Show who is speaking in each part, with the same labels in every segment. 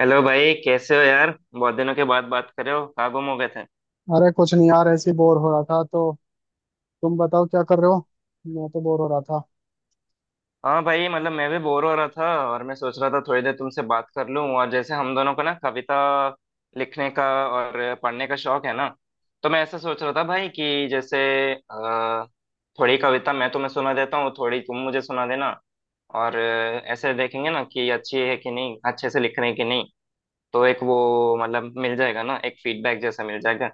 Speaker 1: Hello भाई, कैसे हो यार? बहुत दिनों के बाद बात कर रहे हो, कहाँ गुम हो गए थे?
Speaker 2: अरे कुछ नहीं यार, ऐसे ही बोर हो रहा था। तो तुम बताओ क्या कर रहे हो। मैं तो बोर हो रहा था।
Speaker 1: हाँ भाई, मतलब मैं भी बोर हो रहा था। और मैं सोच रहा था थोड़ी देर तुमसे बात कर लूँ, और जैसे हम दोनों को ना कविता लिखने का और पढ़ने का शौक है ना, तो मैं ऐसा सोच रहा था भाई कि जैसे अ, थोड़ी कविता मैं तुम्हें सुना देता हूँ, थोड़ी तुम मुझे सुना देना। और ऐसे देखेंगे ना कि अच्छी है कि नहीं, अच्छे से लिख रहे हैं कि नहीं। तो एक वो मतलब मिल जाएगा ना, एक फीडबैक जैसा मिल जाएगा।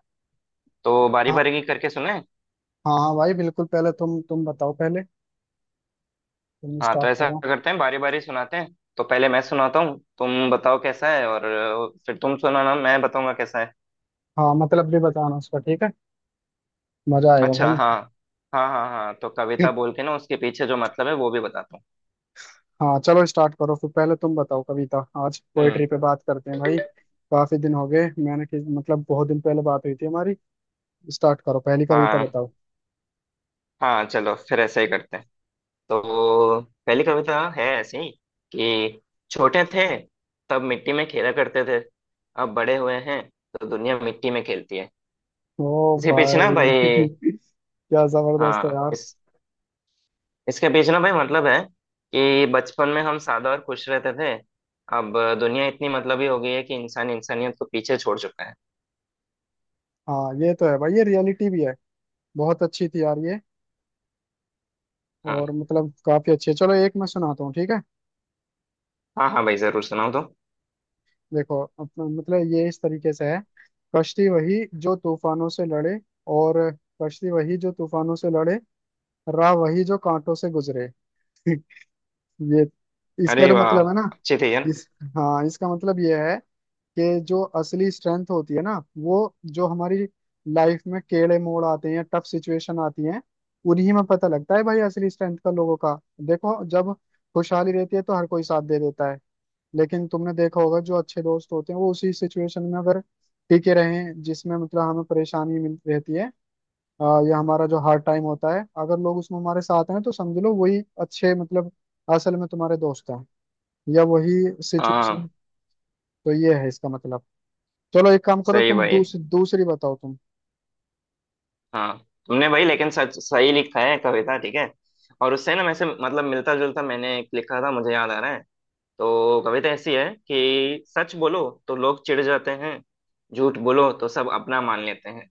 Speaker 1: तो बारी
Speaker 2: हाँ
Speaker 1: बारी करके सुने।
Speaker 2: हाँ हाँ भाई, बिल्कुल पहले तुम बताओ, पहले तुम
Speaker 1: हाँ, तो
Speaker 2: स्टार्ट
Speaker 1: ऐसा
Speaker 2: करो।
Speaker 1: करते हैं, बारी बारी सुनाते हैं। तो पहले मैं सुनाता हूँ, तुम बताओ कैसा है, और फिर तुम सुनाना, मैं बताऊंगा कैसा है।
Speaker 2: हाँ, मतलब भी बताना उसका, ठीक है। मजा आएगा
Speaker 1: अच्छा।
Speaker 2: भाई।
Speaker 1: हाँ हाँ हाँ, हाँ तो कविता बोल के ना उसके पीछे जो मतलब है वो भी बताता हूँ।
Speaker 2: हाँ चलो स्टार्ट करो, फिर पहले तुम बताओ कविता। आज
Speaker 1: हम्म।
Speaker 2: पोइट्री पे बात करते हैं भाई। काफी दिन हो गए मैंने कि मतलब बहुत दिन पहले बात हुई थी हमारी। स्टार्ट करो, पहली कविता
Speaker 1: हाँ।
Speaker 2: बताओ।
Speaker 1: हाँ चलो फिर ऐसा ही करते हैं। तो पहली कविता है ऐसी कि छोटे थे तब मिट्टी में खेला करते थे, अब बड़े हुए हैं तो दुनिया मिट्टी में खेलती है।
Speaker 2: ओ
Speaker 1: इसके पीछे ना
Speaker 2: भाई
Speaker 1: भाई,
Speaker 2: क्या जबरदस्त है
Speaker 1: हाँ
Speaker 2: यार।
Speaker 1: इस इसके पीछे ना भाई मतलब है कि बचपन में हम सादा और खुश रहते थे। अब दुनिया इतनी मतलबी हो गई है कि इंसान इंसानियत को पीछे छोड़ चुका है।
Speaker 2: हाँ ये तो है भाई, ये रियलिटी भी है। बहुत अच्छी थी यार ये।
Speaker 1: हाँ।
Speaker 2: और मतलब काफी अच्छी है। चलो एक मैं सुनाता हूँ, ठीक है।
Speaker 1: हाँ हाँ भाई जरूर सुनाओ तो।
Speaker 2: देखो अपना मतलब ये इस तरीके से है। कश्ती वही जो तूफानों से लड़े। और कश्ती वही जो तूफानों से लड़े, राह वही जो कांटों से गुजरे। ये,
Speaker 1: अरे
Speaker 2: इसका जो
Speaker 1: वाह,
Speaker 2: मतलब है ना,
Speaker 1: अच्छी थी यार।
Speaker 2: इस, हाँ इसका मतलब ये है कि जो असली स्ट्रेंथ होती है ना, वो, जो हमारी लाइफ में टेढ़े मोड़ आते हैं, टफ सिचुएशन आती हैं, उन्हीं में पता लगता है भाई असली स्ट्रेंथ का, लोगों का। देखो जब खुशहाली रहती है तो हर कोई साथ दे देता है, लेकिन तुमने देखा होगा जो अच्छे दोस्त होते हैं वो उसी सिचुएशन में अगर टिके रहें जिसमें मतलब हमें परेशानी मिल रहती है, अ, या हमारा जो हार्ड टाइम होता है, अगर लोग उसमें हमारे साथ हैं तो समझ लो वही अच्छे, मतलब असल में तुम्हारे दोस्त हैं, या वही सिचुएशन।
Speaker 1: हाँ।
Speaker 2: तो ये है इसका मतलब। चलो एक काम करो,
Speaker 1: सही
Speaker 2: तुम
Speaker 1: भाई।
Speaker 2: दूसरी बताओ तुम।
Speaker 1: हाँ, तुमने भाई लेकिन सच सही लिखा है कविता, ठीक है। और उससे ना वैसे मतलब मिलता जुलता मैंने एक लिखा था, मुझे याद आ रहा है। तो कविता ऐसी है कि सच बोलो तो लोग चिढ़ जाते हैं, झूठ बोलो तो सब अपना मान लेते हैं।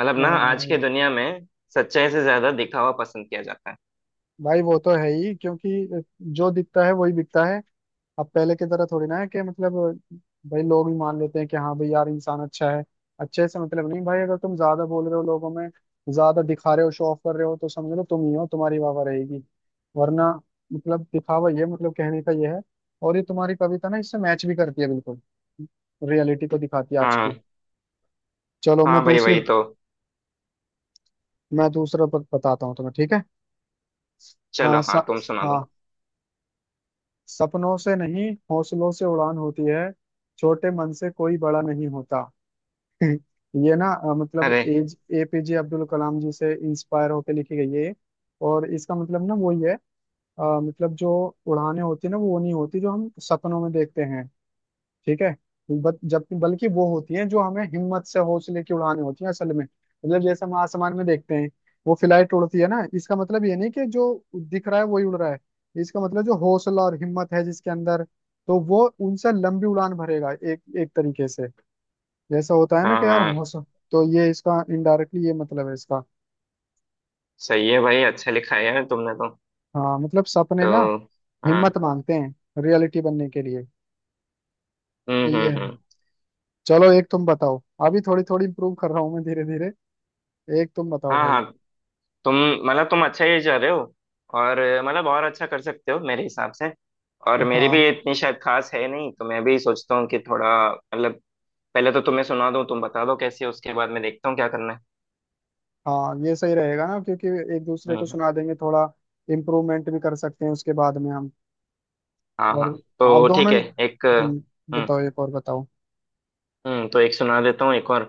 Speaker 1: मतलब ना आज की
Speaker 2: अ,
Speaker 1: दुनिया में सच्चाई से ज्यादा दिखावा पसंद किया जाता है।
Speaker 2: भाई वो तो है ही, क्योंकि जो दिखता है वही बिकता है। अब पहले की तरह थोड़ी ना है कि मतलब भाई लोग भी मान लेते हैं कि हाँ भाई यार इंसान अच्छा है। अच्छे से मतलब नहीं भाई, अगर तुम ज्यादा बोल रहे हो लोगों में, ज्यादा दिखा रहे हो, शो ऑफ कर रहे हो, तो समझ लो तुम ही हो, तुम्हारी वाह रहेगी। वरना मतलब दिखावा, ये मतलब कहने का ये है। और ये तुम्हारी कविता ना इससे मैच भी करती है बिल्कुल, रियलिटी को दिखाती है आज की।
Speaker 1: हाँ।
Speaker 2: चलो मैं
Speaker 1: हाँ भाई
Speaker 2: दूसरी,
Speaker 1: वही तो।
Speaker 2: मैं बताता हूँ तुम्हें, ठीक है। आ,
Speaker 1: चलो,
Speaker 2: स,
Speaker 1: हाँ, तुम सुना दो।
Speaker 2: हाँ, सपनों से नहीं हौसलों से उड़ान होती है, छोटे मन से कोई बड़ा नहीं होता। हम्म। ये ना मतलब
Speaker 1: अरे
Speaker 2: एज एपीजे अब्दुल कलाम जी से इंस्पायर होकर लिखी गई है ये। और इसका मतलब ना वही है, मतलब जो उड़ानें होती है ना, वो नहीं होती जो हम सपनों में देखते हैं, ठीक है। बट जब बल्कि वो होती हैं जो हमें हिम्मत से, हौसले की उड़ानें होती हैं असल में। मतलब जैसे हम आसमान में देखते हैं वो फ्लाइट उड़ती है ना, इसका मतलब ये नहीं कि जो दिख रहा है वही उड़ रहा है। इसका मतलब जो हौसला और हिम्मत है जिसके अंदर, तो वो उनसे लंबी उड़ान भरेगा, एक एक तरीके से जैसा होता है ना
Speaker 1: हाँ
Speaker 2: कि यार
Speaker 1: हाँ
Speaker 2: हो सक, तो ये इसका इनडायरेक्टली ये मतलब है इसका।
Speaker 1: सही है भाई, अच्छा लिखा है यार तुमने तो
Speaker 2: हाँ मतलब सपने ना
Speaker 1: तो हाँ।
Speaker 2: हिम्मत मांगते हैं रियलिटी बनने के लिए। तो ये है।
Speaker 1: हम्म।
Speaker 2: चलो एक तुम बताओ। अभी थोड़ी थोड़ी इम्प्रूव कर रहा हूँ मैं धीरे धीरे। एक तुम बताओ
Speaker 1: हाँ हाँ,
Speaker 2: भाई।
Speaker 1: तुम मतलब तुम अच्छा ही जा रहे हो, और मतलब और अच्छा कर सकते हो मेरे हिसाब से। और मेरी
Speaker 2: हाँ।
Speaker 1: भी इतनी शायद खास है नहीं, तो मैं भी सोचता हूँ कि थोड़ा मतलब पहले तो तुम्हें सुना दूँ, तुम बता दो कैसी है, उसके बाद मैं देखता हूँ क्या करना है।
Speaker 2: हाँ ये सही रहेगा ना, क्योंकि एक दूसरे को
Speaker 1: हम्म।
Speaker 2: सुना देंगे, थोड़ा इम्प्रूवमेंट भी कर सकते हैं उसके बाद में हम।
Speaker 1: हाँ
Speaker 2: और
Speaker 1: हाँ
Speaker 2: आप
Speaker 1: तो ठीक
Speaker 2: दोनों,
Speaker 1: है। एक। हम्म।
Speaker 2: बताओ एक और बताओ।
Speaker 1: हम्म, तो एक सुना देता हूँ, एक और।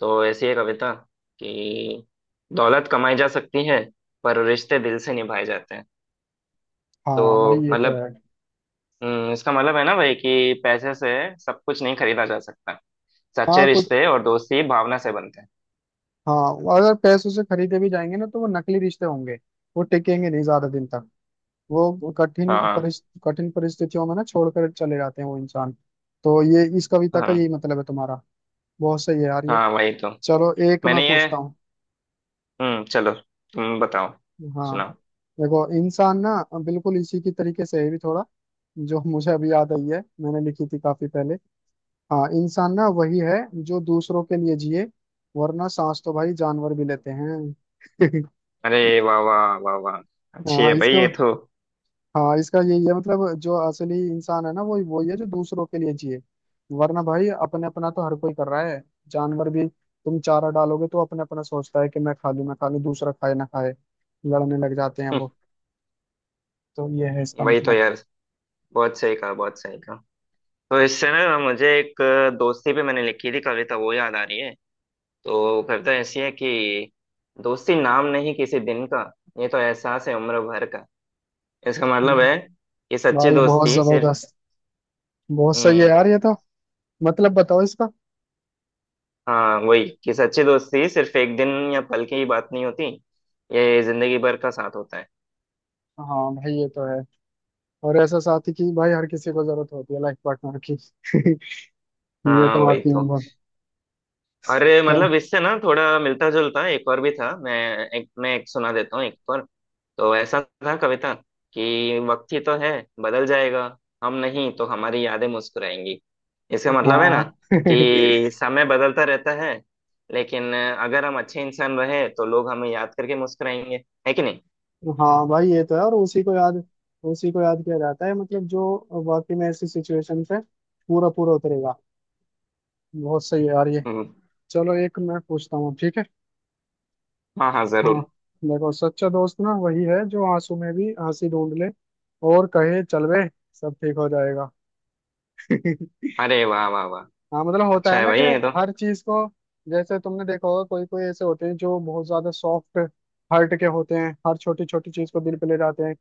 Speaker 1: तो ऐसी है कविता कि दौलत कमाई जा सकती है पर रिश्ते दिल से निभाए जाते हैं।
Speaker 2: हाँ भाई
Speaker 1: तो
Speaker 2: ये तो
Speaker 1: मतलब,
Speaker 2: है।
Speaker 1: इसका मतलब है ना भाई कि पैसे से सब कुछ नहीं खरीदा जा सकता, सच्चे
Speaker 2: हाँ कुछ,
Speaker 1: रिश्ते और दोस्ती भावना से बनते हैं।
Speaker 2: हाँ अगर पैसों से खरीदे भी जाएंगे ना तो वो नकली रिश्ते होंगे, वो टिकेंगे नहीं ज्यादा दिन तक। वो
Speaker 1: हाँ
Speaker 2: कठिन परिस्थितियों में ना छोड़कर चले जाते हैं वो इंसान। तो ये इस कविता
Speaker 1: हाँ।
Speaker 2: का यही
Speaker 1: हाँ,
Speaker 2: मतलब है तुम्हारा। बहुत सही है यार ये।
Speaker 1: हाँ, वही तो।
Speaker 2: चलो एक मैं
Speaker 1: मैंने ये,
Speaker 2: पूछता हूँ।
Speaker 1: हम्म, चलो, तुम बताओ,
Speaker 2: हाँ
Speaker 1: सुनाओ।
Speaker 2: देखो, इंसान ना, बिल्कुल इसी की तरीके से है भी थोड़ा, जो मुझे अभी याद आई है मैंने लिखी थी काफी पहले। हाँ, इंसान ना वही है जो दूसरों के लिए जिए, वरना सांस तो भाई जानवर भी लेते हैं।
Speaker 1: अरे वाह वाह वाह वाह, अच्छी
Speaker 2: हाँ
Speaker 1: है भाई
Speaker 2: इसका,
Speaker 1: ये तो।
Speaker 2: हाँ इसका यही है मतलब, जो असली इंसान है ना वो वही है जो दूसरों के लिए जिए। वरना भाई अपने अपना तो हर कोई कर रहा है। जानवर भी तुम चारा डालोगे तो अपने अपना सोचता है कि मैं खा लूं, मैं खा लूं, दूसरा खाए ना खाए, लड़ने लग जाते हैं
Speaker 1: हम्म,
Speaker 2: वो। तो ये है इसका
Speaker 1: वही तो
Speaker 2: मतलब।
Speaker 1: यार। बहुत सही कहा, बहुत सही कहा। तो इससे ना मुझे एक दोस्ती पे मैंने लिखी थी कविता, वो याद आ रही है। तो वो कविता ऐसी है कि दोस्ती नाम नहीं किसी दिन का, ये तो एहसास है उम्र भर का। इसका मतलब
Speaker 2: हम्म।
Speaker 1: है कि सच्ची
Speaker 2: भाई बहुत
Speaker 1: दोस्ती सिर्फ।
Speaker 2: जबरदस्त, बहुत सही है
Speaker 1: हम्म।
Speaker 2: यार ये तो। मतलब बताओ इसका।
Speaker 1: हाँ, वही कि सच्ची दोस्ती सिर्फ एक दिन या पल की ही बात नहीं होती, ये जिंदगी भर का साथ होता है।
Speaker 2: हाँ भाई ये तो है, और ऐसा साथी की भाई हर किसी को जरूरत होती है, लाइफ पार्टनर की। ये
Speaker 1: हाँ
Speaker 2: तो
Speaker 1: वही
Speaker 2: वाकई में
Speaker 1: तो।
Speaker 2: बहुत।
Speaker 1: अरे
Speaker 2: चल।
Speaker 1: मतलब इससे ना थोड़ा मिलता जुलता एक और भी था मैं। एक मैं एक सुना देता हूँ, एक और। तो ऐसा था कविता कि वक्त ही तो है, बदल जाएगा। हम नहीं तो हमारी यादें मुस्कुराएंगी। इसका मतलब है ना
Speaker 2: हाँ
Speaker 1: कि समय बदलता रहता है, लेकिन अगर हम अच्छे इंसान रहे तो लोग हमें याद करके मुस्कुराएंगे, है कि नहीं?
Speaker 2: हाँ भाई ये तो है। और उसी को याद, उसी को याद किया जाता है, मतलब जो वाकई में ऐसी सिचुएशन पे पूरा पूरा उतरेगा। बहुत सही है यार ये।
Speaker 1: हम्म,
Speaker 2: चलो एक मैं पूछता हूँ, ठीक है।
Speaker 1: हाँ हाँ
Speaker 2: हाँ
Speaker 1: जरूर।
Speaker 2: देखो, सच्चा दोस्त ना वही है जो आंसू में भी हंसी ढूंढ ले, और कहे चल बे, सब ठीक हो जाएगा।
Speaker 1: अरे वाह वाह वाह,
Speaker 2: हाँ मतलब होता
Speaker 1: अच्छा
Speaker 2: है
Speaker 1: है
Speaker 2: ना
Speaker 1: भाई
Speaker 2: कि
Speaker 1: ये तो।
Speaker 2: हर चीज को, जैसे तुमने देखा होगा कोई कोई ऐसे होते हैं जो बहुत ज्यादा सॉफ्ट हार्ट के होते हैं, हर छोटी छोटी चीज को दिल पे ले जाते हैं,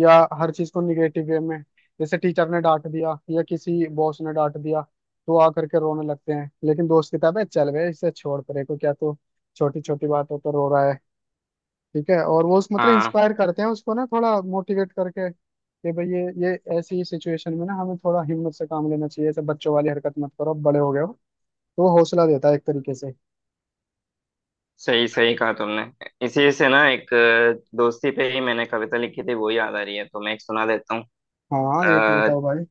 Speaker 2: या हर चीज को निगेटिव वे में। जैसे टीचर ने डांट दिया या किसी बॉस ने डांट दिया, तो आ करके रोने लगते हैं। लेकिन दोस्त की किताब है चल बे, इसे छोड़ परे को क्या, तो छोटी छोटी बातों पर रो रहा है, ठीक है। और वो उस मतलब
Speaker 1: हाँ
Speaker 2: इंस्पायर करते हैं उसको ना, थोड़ा मोटिवेट करके कि भाई ये ऐसी सिचुएशन में ना हमें थोड़ा हिम्मत से काम लेना चाहिए, ऐसे बच्चों वाली हरकत मत करो, अब बड़े हो गए हो। तो वो हौसला देता है एक तरीके से।
Speaker 1: सही सही कहा तुमने। इसी से ना एक दोस्ती पे ही मैंने कविता लिखी थी, वो याद आ रही है, तो मैं एक सुना देता हूँ।
Speaker 2: हाँ एक
Speaker 1: अ,
Speaker 2: बताओ भाई।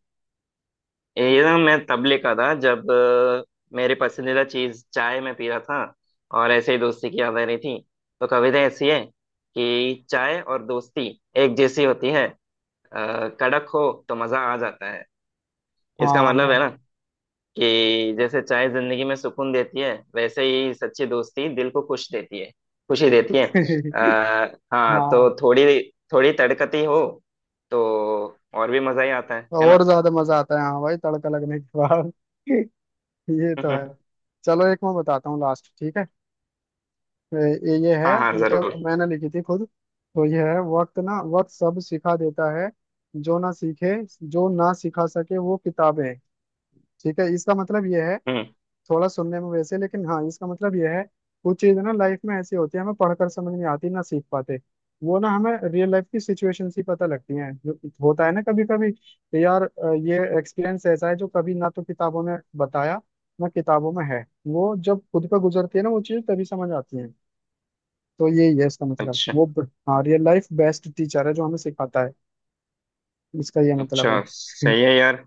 Speaker 1: ये ना मैं तब लिखा था जब मेरी पसंदीदा चीज चाय में पी रहा था, और ऐसे ही दोस्ती की याद आ रही थी। तो कविता ऐसी है कि चाय और दोस्ती एक जैसी होती है। कड़क हो तो मजा आ जाता है। इसका मतलब
Speaker 2: हाँ
Speaker 1: है कि जैसे चाय जिंदगी में सुकून देती है, वैसे ही सच्ची दोस्ती दिल को खुश देती है, खुशी देती है।
Speaker 2: भाई
Speaker 1: आ, हाँ तो
Speaker 2: हाँ
Speaker 1: थोड़ी थोड़ी तड़कती हो तो और भी मजा ही आता है
Speaker 2: और
Speaker 1: ना?
Speaker 2: ज्यादा मजा आता है, हाँ भाई, तड़का लगने के बाद। ये तो है। चलो एक मैं बताता हूँ लास्ट, ठीक है। ये है
Speaker 1: हाँ हाँ
Speaker 2: मतलब
Speaker 1: जरूर।
Speaker 2: मैंने लिखी थी खुद। तो ये है, वक्त ना वक्त सब सिखा देता है, जो ना सीखे, जो ना सिखा सके वो किताबें। ठीक है, इसका मतलब ये है,
Speaker 1: हम्म।
Speaker 2: थोड़ा सुनने में वैसे, लेकिन हाँ इसका मतलब यह है कुछ चीज ना लाइफ में ऐसी होती है हमें पढ़कर समझ नहीं आती, ना सीख पाते। वो ना हमें रियल लाइफ की सिचुएशन ही पता लगती हैं, जो होता है ना कभी कभी कि यार ये एक्सपीरियंस ऐसा है जो कभी ना तो किताबों में बताया, ना किताबों में है, वो जब खुद पर गुजरती है ना वो चीज तभी समझ आती है। तो यही है इसका मतलब,
Speaker 1: अच्छा
Speaker 2: हाँ रियल लाइफ बेस्ट टीचर है जो हमें सिखाता है। इसका ये मतलब
Speaker 1: अच्छा।
Speaker 2: है।
Speaker 1: सही है यार।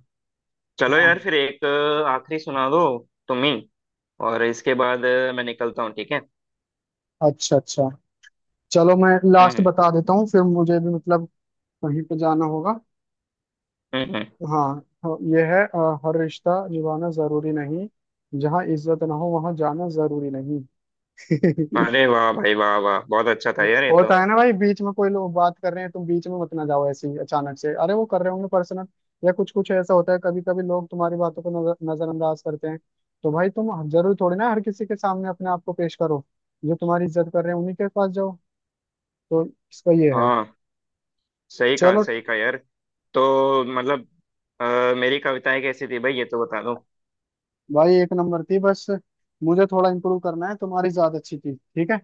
Speaker 1: चलो
Speaker 2: हाँ
Speaker 1: यार फिर एक आखिरी सुना दो तुम ही, और इसके बाद मैं निकलता हूँ, ठीक है।
Speaker 2: अच्छा अच्छा। चलो मैं लास्ट
Speaker 1: हम्म।
Speaker 2: बता देता हूँ, फिर मुझे भी मतलब कहीं पे जाना होगा।
Speaker 1: हम्म। हम्म।
Speaker 2: हाँ हाँ, ये है हर रिश्ता निभाना जरूरी नहीं, जहाँ इज्जत ना हो वहां जाना जरूरी नहीं।
Speaker 1: अरे वाह भाई, वाह वाह, बहुत अच्छा था यार ये
Speaker 2: होता
Speaker 1: तो।
Speaker 2: है ना भाई, बीच में कोई लोग बात कर रहे हैं तुम बीच में मत ना जाओ ऐसे ही अचानक से, अरे वो कर रहे होंगे पर्सनल, या कुछ कुछ ऐसा होता है कभी कभी लोग तुम्हारी बातों को नजर, नजरअंदाज करते हैं। तो भाई तुम जरूरी थोड़ी ना हर किसी के सामने अपने आप को पेश करो, जो तुम्हारी इज्जत कर रहे हैं उन्हीं के पास जाओ। तो इसका ये है।
Speaker 1: हाँ सही कहा,
Speaker 2: चलो
Speaker 1: सही कहा यार। तो मतलब, अ, मेरी कविताएं कैसी थी भाई, ये तो बता दो।
Speaker 2: भाई, एक नंबर थी बस। मुझे थोड़ा इम्प्रूव करना है, तुम्हारी ज्यादा अच्छी थी, ठीक है।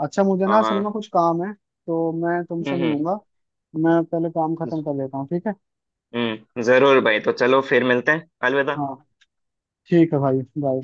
Speaker 2: अच्छा मुझे ना
Speaker 1: हाँ
Speaker 2: असल में
Speaker 1: हाँ।
Speaker 2: कुछ काम है तो मैं तुमसे
Speaker 1: हम्म।
Speaker 2: मिलूंगा। मैं पहले काम खत्म कर लेता हूँ, ठीक है।
Speaker 1: जरूर भाई। तो चलो फिर मिलते हैं, अलविदा।
Speaker 2: हाँ ठीक है भाई, बाय।